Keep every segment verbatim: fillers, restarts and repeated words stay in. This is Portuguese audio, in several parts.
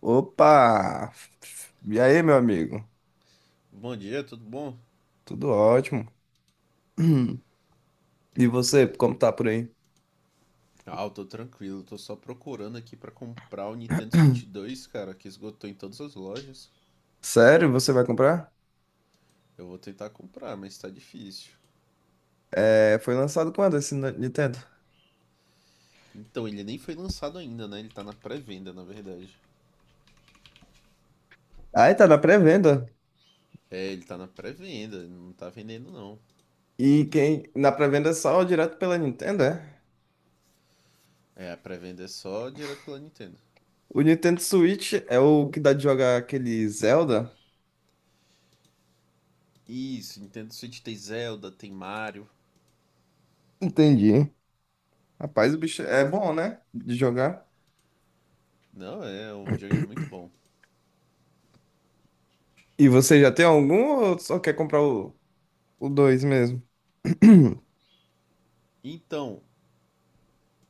Opa! E aí, meu amigo? Bom dia, tudo bom? Tudo ótimo. E você, como tá por aí? Ah, eu tô tranquilo, tô só procurando aqui pra comprar o Nintendo Switch dois, cara, que esgotou em todas as lojas. Sério, você vai comprar? Eu vou tentar comprar, mas tá difícil. É, foi lançado quando esse Ni- Nintendo? Então, ele nem foi lançado ainda, né? Ele tá na pré-venda, na verdade. Ah, tá na pré-venda. É, ele tá na pré-venda, ele não tá vendendo não. E quem na pré-venda é só direto pela Nintendo, é? É, a pré-venda é só direto pela Nintendo. O Nintendo Switch é o que dá de jogar aquele Zelda? Isso, Nintendo Switch tem Zelda, tem Mario. Entendi. Rapaz, o bicho é bom, né? De jogar. Não, é um videogame muito bom. E você já tem algum ou só quer comprar o, o dois mesmo? Então,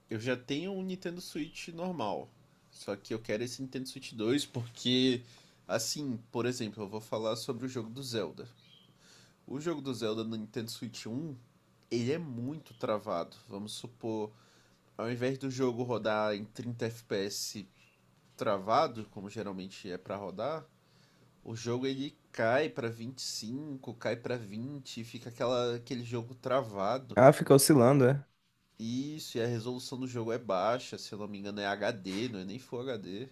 eu já tenho um Nintendo Switch normal. Só que eu quero esse Nintendo Switch dois porque, assim, por exemplo, eu vou falar sobre o jogo do Zelda. O jogo do Zelda no Nintendo Switch um, ele é muito travado. Vamos supor, ao invés do jogo rodar em trinta F P S travado, como geralmente é para rodar, o jogo ele cai para vinte e cinco, cai para vinte, fica aquela, aquele jogo travado. Ah, fica oscilando, é? Isso, e a resolução do jogo é baixa, se eu não me engano é H D, não é nem Full H D.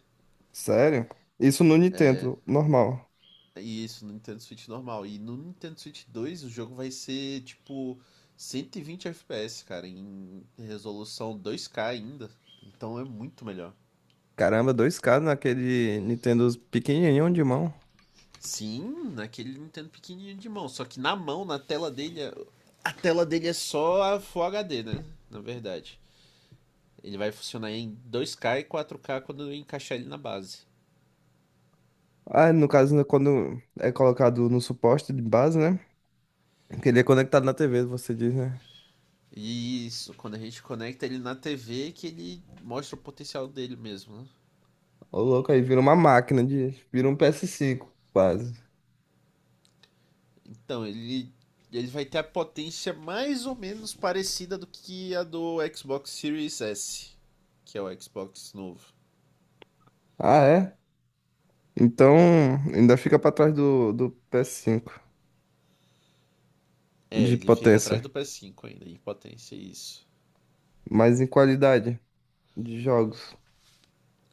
Sério? Isso no Nintendo, normal. E isso no Nintendo Switch normal. E no Nintendo Switch dois o jogo vai ser tipo cento e vinte F P S, cara, em resolução dois K ainda. Então é muito melhor. Caramba, dois k naquele Nintendo pequenininho de mão. Sim, naquele Nintendo pequenininho de mão, só que na mão, na tela dele, a tela dele é só a Full H D, né? Na verdade. Ele vai funcionar em dois K e quatro K quando eu encaixar ele na base. Ah, no caso, né, quando é colocado no suporte de base, né? Que ele é conectado na tê vê, você diz, né? Isso, quando a gente conecta ele na T V, que ele mostra o potencial dele mesmo, né? Ô, louco, aí vira uma máquina de... Vira um P S cinco, quase. Então, ele, ele vai ter a potência mais ou menos parecida do que a do Xbox Series S, que é o Xbox novo. Ah, é? Então, ainda fica pra trás do, do P S cinco É, de ele fica atrás potência, do P S cinco ainda, em potência, isso. mas em qualidade de jogos.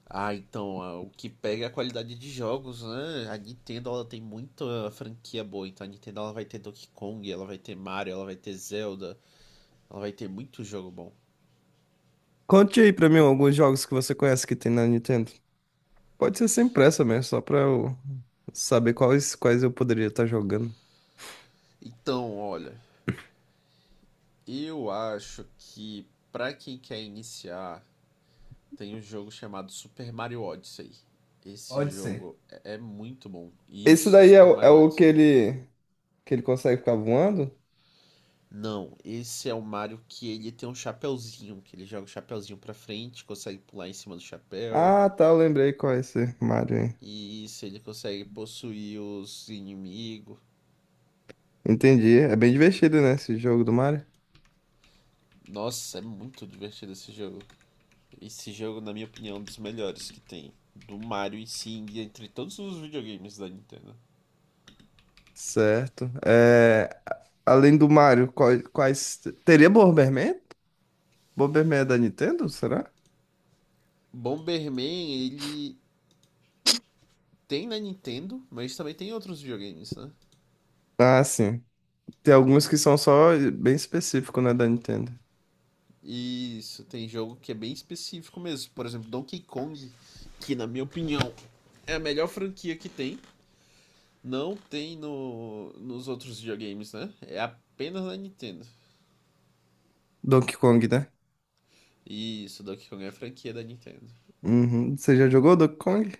Ah, então, ah, o que pega é a qualidade de jogos, né? A Nintendo, ela tem muita franquia boa. Então, a Nintendo, ela vai ter Donkey Kong, ela vai ter Mario, ela vai ter Zelda. Ela vai ter muito jogo bom. Conte aí pra mim alguns jogos que você conhece que tem na Nintendo. Pode ser sem pressa mesmo, só pra eu saber quais, quais eu poderia estar jogando. Então, olha, eu acho que pra quem quer iniciar, tem um jogo chamado Super Mario Odyssey. Pode Esse ser. jogo é é muito bom. Esse Isso, daí é, Super o é Mario o que Odyssey. ele, que ele consegue ficar voando? Não, esse é o Mario que ele tem um chapéuzinho, que ele joga o chapéuzinho pra frente, consegue pular em cima do chapéu. Ah, tá, eu lembrei qual é esse Mario aí. E isso, ele consegue possuir os inimigos. Entendi. É bem divertido, né, esse jogo do Mario? Nossa, é muito divertido esse jogo. Esse jogo, na minha opinião, é um dos melhores que tem. Do Mario e sim, entre todos os videogames da Nintendo. Certo. É, a- além do Mario, quais, quais... Teria Bomberman? Bomberman é da Nintendo, será? Bomberman, ele tem na Nintendo, mas também tem em outros videogames, né? Ah, sim. Tem alguns que são só bem específicos, né, da Nintendo. Isso, tem jogo que é bem específico mesmo. Por exemplo, Donkey Kong, que na minha opinião é a melhor franquia que tem. Não tem no, nos outros videogames, né? É apenas na Nintendo. Donkey Kong, né? Isso, Donkey Kong é a franquia da Nintendo. Uhum. Você já jogou Donkey Kong?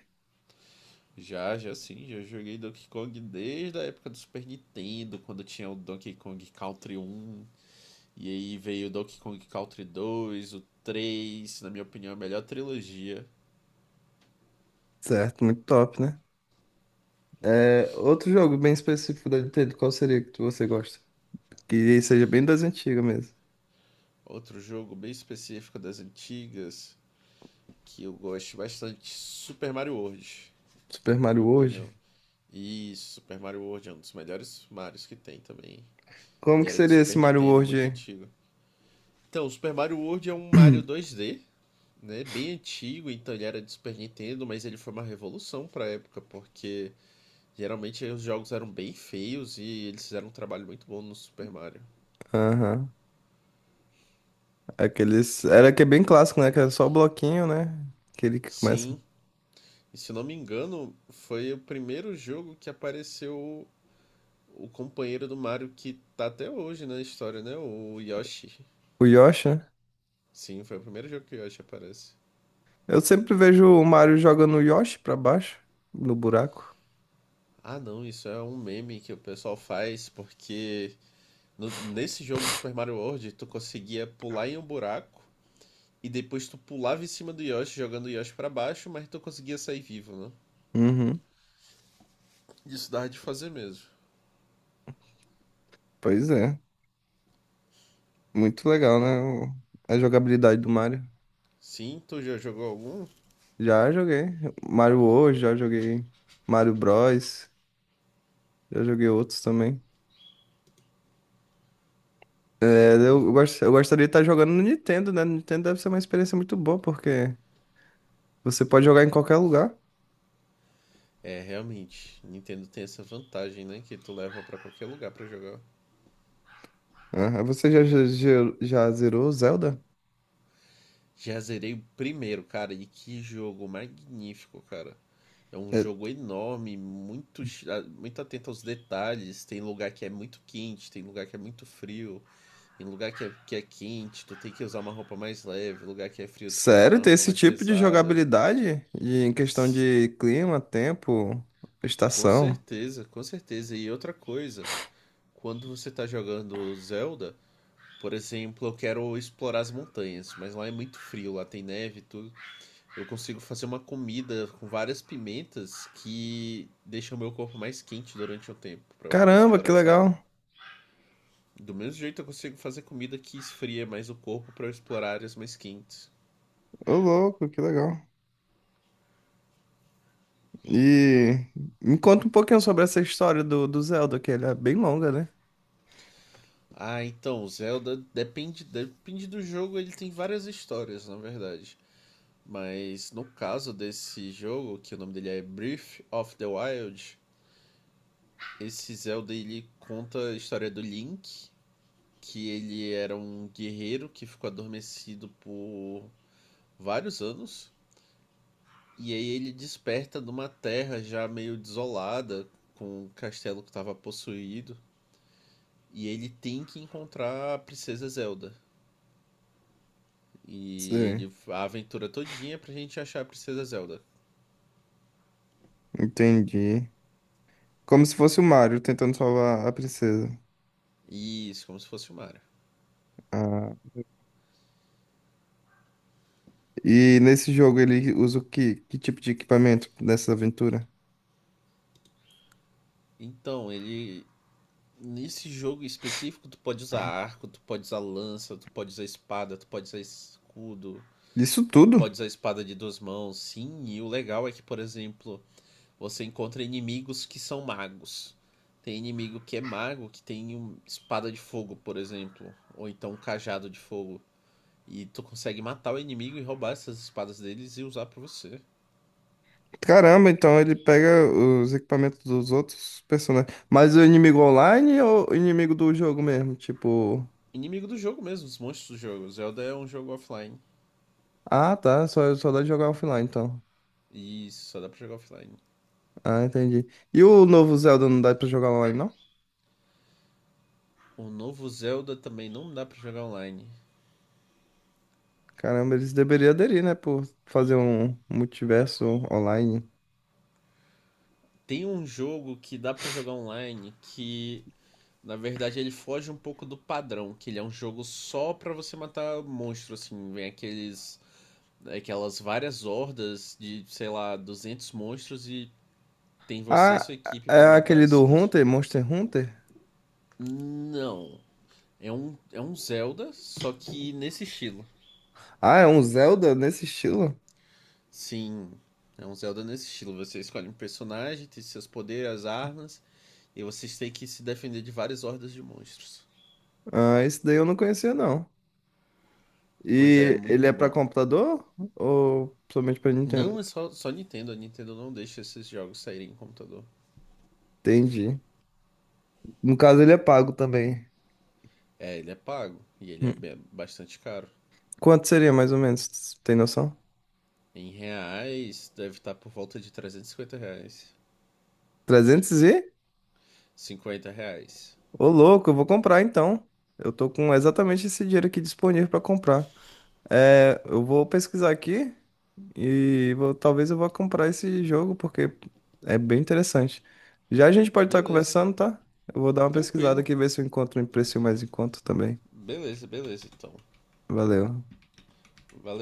Já, já sim, já joguei Donkey Kong desde a época do Super Nintendo, quando tinha o Donkey Kong Country um, e aí veio Donkey Kong Country dois, o três, na minha opinião, a melhor trilogia. Certo, muito top, né? É, outro jogo bem específico da Nintendo, qual seria que você gosta? Que seja bem das antigas mesmo. Outro jogo bem específico das antigas, que eu gosto bastante, Super Mario World, Super na Mario minha World. opinião. E Super Mario World é um dos melhores Marios que tem também. Como Ele que era de seria esse Super Mario Nintendo, World muito aí? antigo. Então, Super Mario World é um Mario dois D, né? Bem antigo, então ele era de Super Nintendo, mas ele foi uma revolução pra época, porque geralmente os jogos eram bem feios e eles fizeram um trabalho muito bom no Super Mario. Aham. Aqueles. Era que é bem clássico, né? Que era só o bloquinho, né? Aquele que começa. Sim, e se eu não me engano, foi o primeiro jogo que apareceu o companheiro do Mario que tá até hoje na história, né? O Yoshi. O Yoshi, né? Sim, foi o primeiro jogo que o Yoshi aparece. Eu sempre vejo o Mario jogando o Yoshi pra baixo, no buraco. Ah, não, isso é um meme que o pessoal faz porque no- nesse jogo Super Mario World tu conseguia pular em um buraco e depois tu pulava em cima do Yoshi jogando o Yoshi pra baixo, mas tu conseguia sair vivo, né? Uhum. Isso dava de fazer mesmo. Pois é. Muito legal, né? o- A jogabilidade do Mario. Sim, tu já jogou algum? Já joguei. Mario World, já joguei Mario Bros. Já joguei outros também. É, Me- eu, gost- eu gostaria de estar jogando no Nintendo, né? No Nintendo deve ser uma experiência muito boa, porque você pode jogar em qualquer lugar. É, realmente, Nintendo tem essa vantagem, né? Que tu leva pra qualquer lugar pra jogar. Ah, você já, já, já já zerou Zelda? Já zerei o primeiro, cara, e que jogo magnífico, cara. É um É, jogo enorme, muito, chi- ah, muito atento aos detalhes. Tem lugar que é muito quente, tem lugar que é muito frio, tem lugar que é, que é quente, tu tem que usar uma roupa mais leve, lugar que é frio, tu tem que usar sério, uma ter roupa esse mais tipo de pesada. jogabilidade? E em questão de clima, tempo, Com estação? certeza, com certeza. E outra coisa, quando você tá jogando Zelda, por exemplo, eu quero explorar as montanhas, mas lá é muito frio, lá tem neve e tudo. Eu consigo fazer uma comida com várias pimentas que deixam o meu corpo mais quente durante o tempo para eu poder Caramba, explorar que essa área. legal! Do mesmo jeito eu consigo fazer comida que esfria mais o corpo para eu explorar áreas mais quentes. Ô, louco, que legal. E me conta um pouquinho sobre essa história do, do Zelda, que ele é bem longa, né? Ah, então, Zelda depende, depende do jogo, ele tem várias histórias, na verdade. Mas no caso desse jogo, que o nome dele é Breath of the Wild, esse Zelda ele conta a história do Link, que ele era um guerreiro que ficou adormecido por vários anos. E aí ele desperta numa terra já meio desolada, com o castelo que estava possuído. E ele tem que encontrar a Princesa Zelda. E Sim, ele, a aventura todinha é pra gente achar a Princesa Zelda. entendi. Como se fosse o Mario tentando salvar a princesa. Isso, como se fosse o Mario. Ah, e nesse jogo ele usa o que, que tipo de equipamento nessa aventura? Então, ele nesse jogo específico, tu pode usar arco, tu pode usar lança, tu pode usar espada, tu pode usar escudo, Isso pode tudo? usar espada de duas mãos, sim. E o legal é que, por exemplo, você encontra inimigos que são magos. Tem inimigo que é mago, que tem um espada de fogo, por exemplo, ou então um cajado de fogo. E tu consegue matar o inimigo e roubar essas espadas deles e usar pra você. Caramba, então ele pega os equipamentos dos outros personagens. Mas o inimigo online ou o inimigo do jogo mesmo? Tipo. Inimigo do jogo mesmo, os monstros do jogo. Zelda é um jogo offline. Ah, tá. Só, só dá de jogar offline, então. E só dá pra jogar offline. Ah, entendi. E o novo Zelda não dá pra jogar online, não? O novo Zelda também não dá pra jogar online. Caramba, eles deveriam aderir, né? Por fazer um multiverso online. Tem um jogo que dá pra jogar online que, na verdade, ele foge um pouco do padrão, que ele é um jogo só pra você matar monstro, assim, vem aqueles aquelas várias hordas de, sei lá, duzentos monstros e tem você e Ah, sua equipe é pra matar aquele esses do monstros. Hunter, Monster Hunter? Não, é um é um Zelda, só que nesse estilo. Ah, é um Zelda nesse estilo? Sim, é um Zelda nesse estilo. Você escolhe um personagem, tem seus poderes, as armas. E vocês têm que se defender de várias hordas de monstros. Ah, esse daí eu não conhecia, não. Pois é, E ele é muito pra bom. computador ou somente pra Nintendo? Não é só, só Nintendo, a Nintendo não deixa esses jogos saírem em computador. Entendi. No caso, ele é pago também. É, ele é pago e ele é Hum. bastante caro. Quanto seria mais ou menos? Tem noção? Em reais, deve estar por volta de trezentos e cinquenta reais. Trezentos e? Cinquenta reais. Ô, louco, eu vou comprar então. Eu tô com exatamente esse dinheiro aqui disponível pra comprar. É, eu vou pesquisar aqui e vou- talvez eu vá comprar esse jogo porque é bem interessante. Já a gente pode estar Beleza, conversando, tá? Eu vou dar uma pesquisada tranquilo. aqui ver se eu encontro um preço mais em conta também. Beleza, beleza, então. Valeu. Valeu.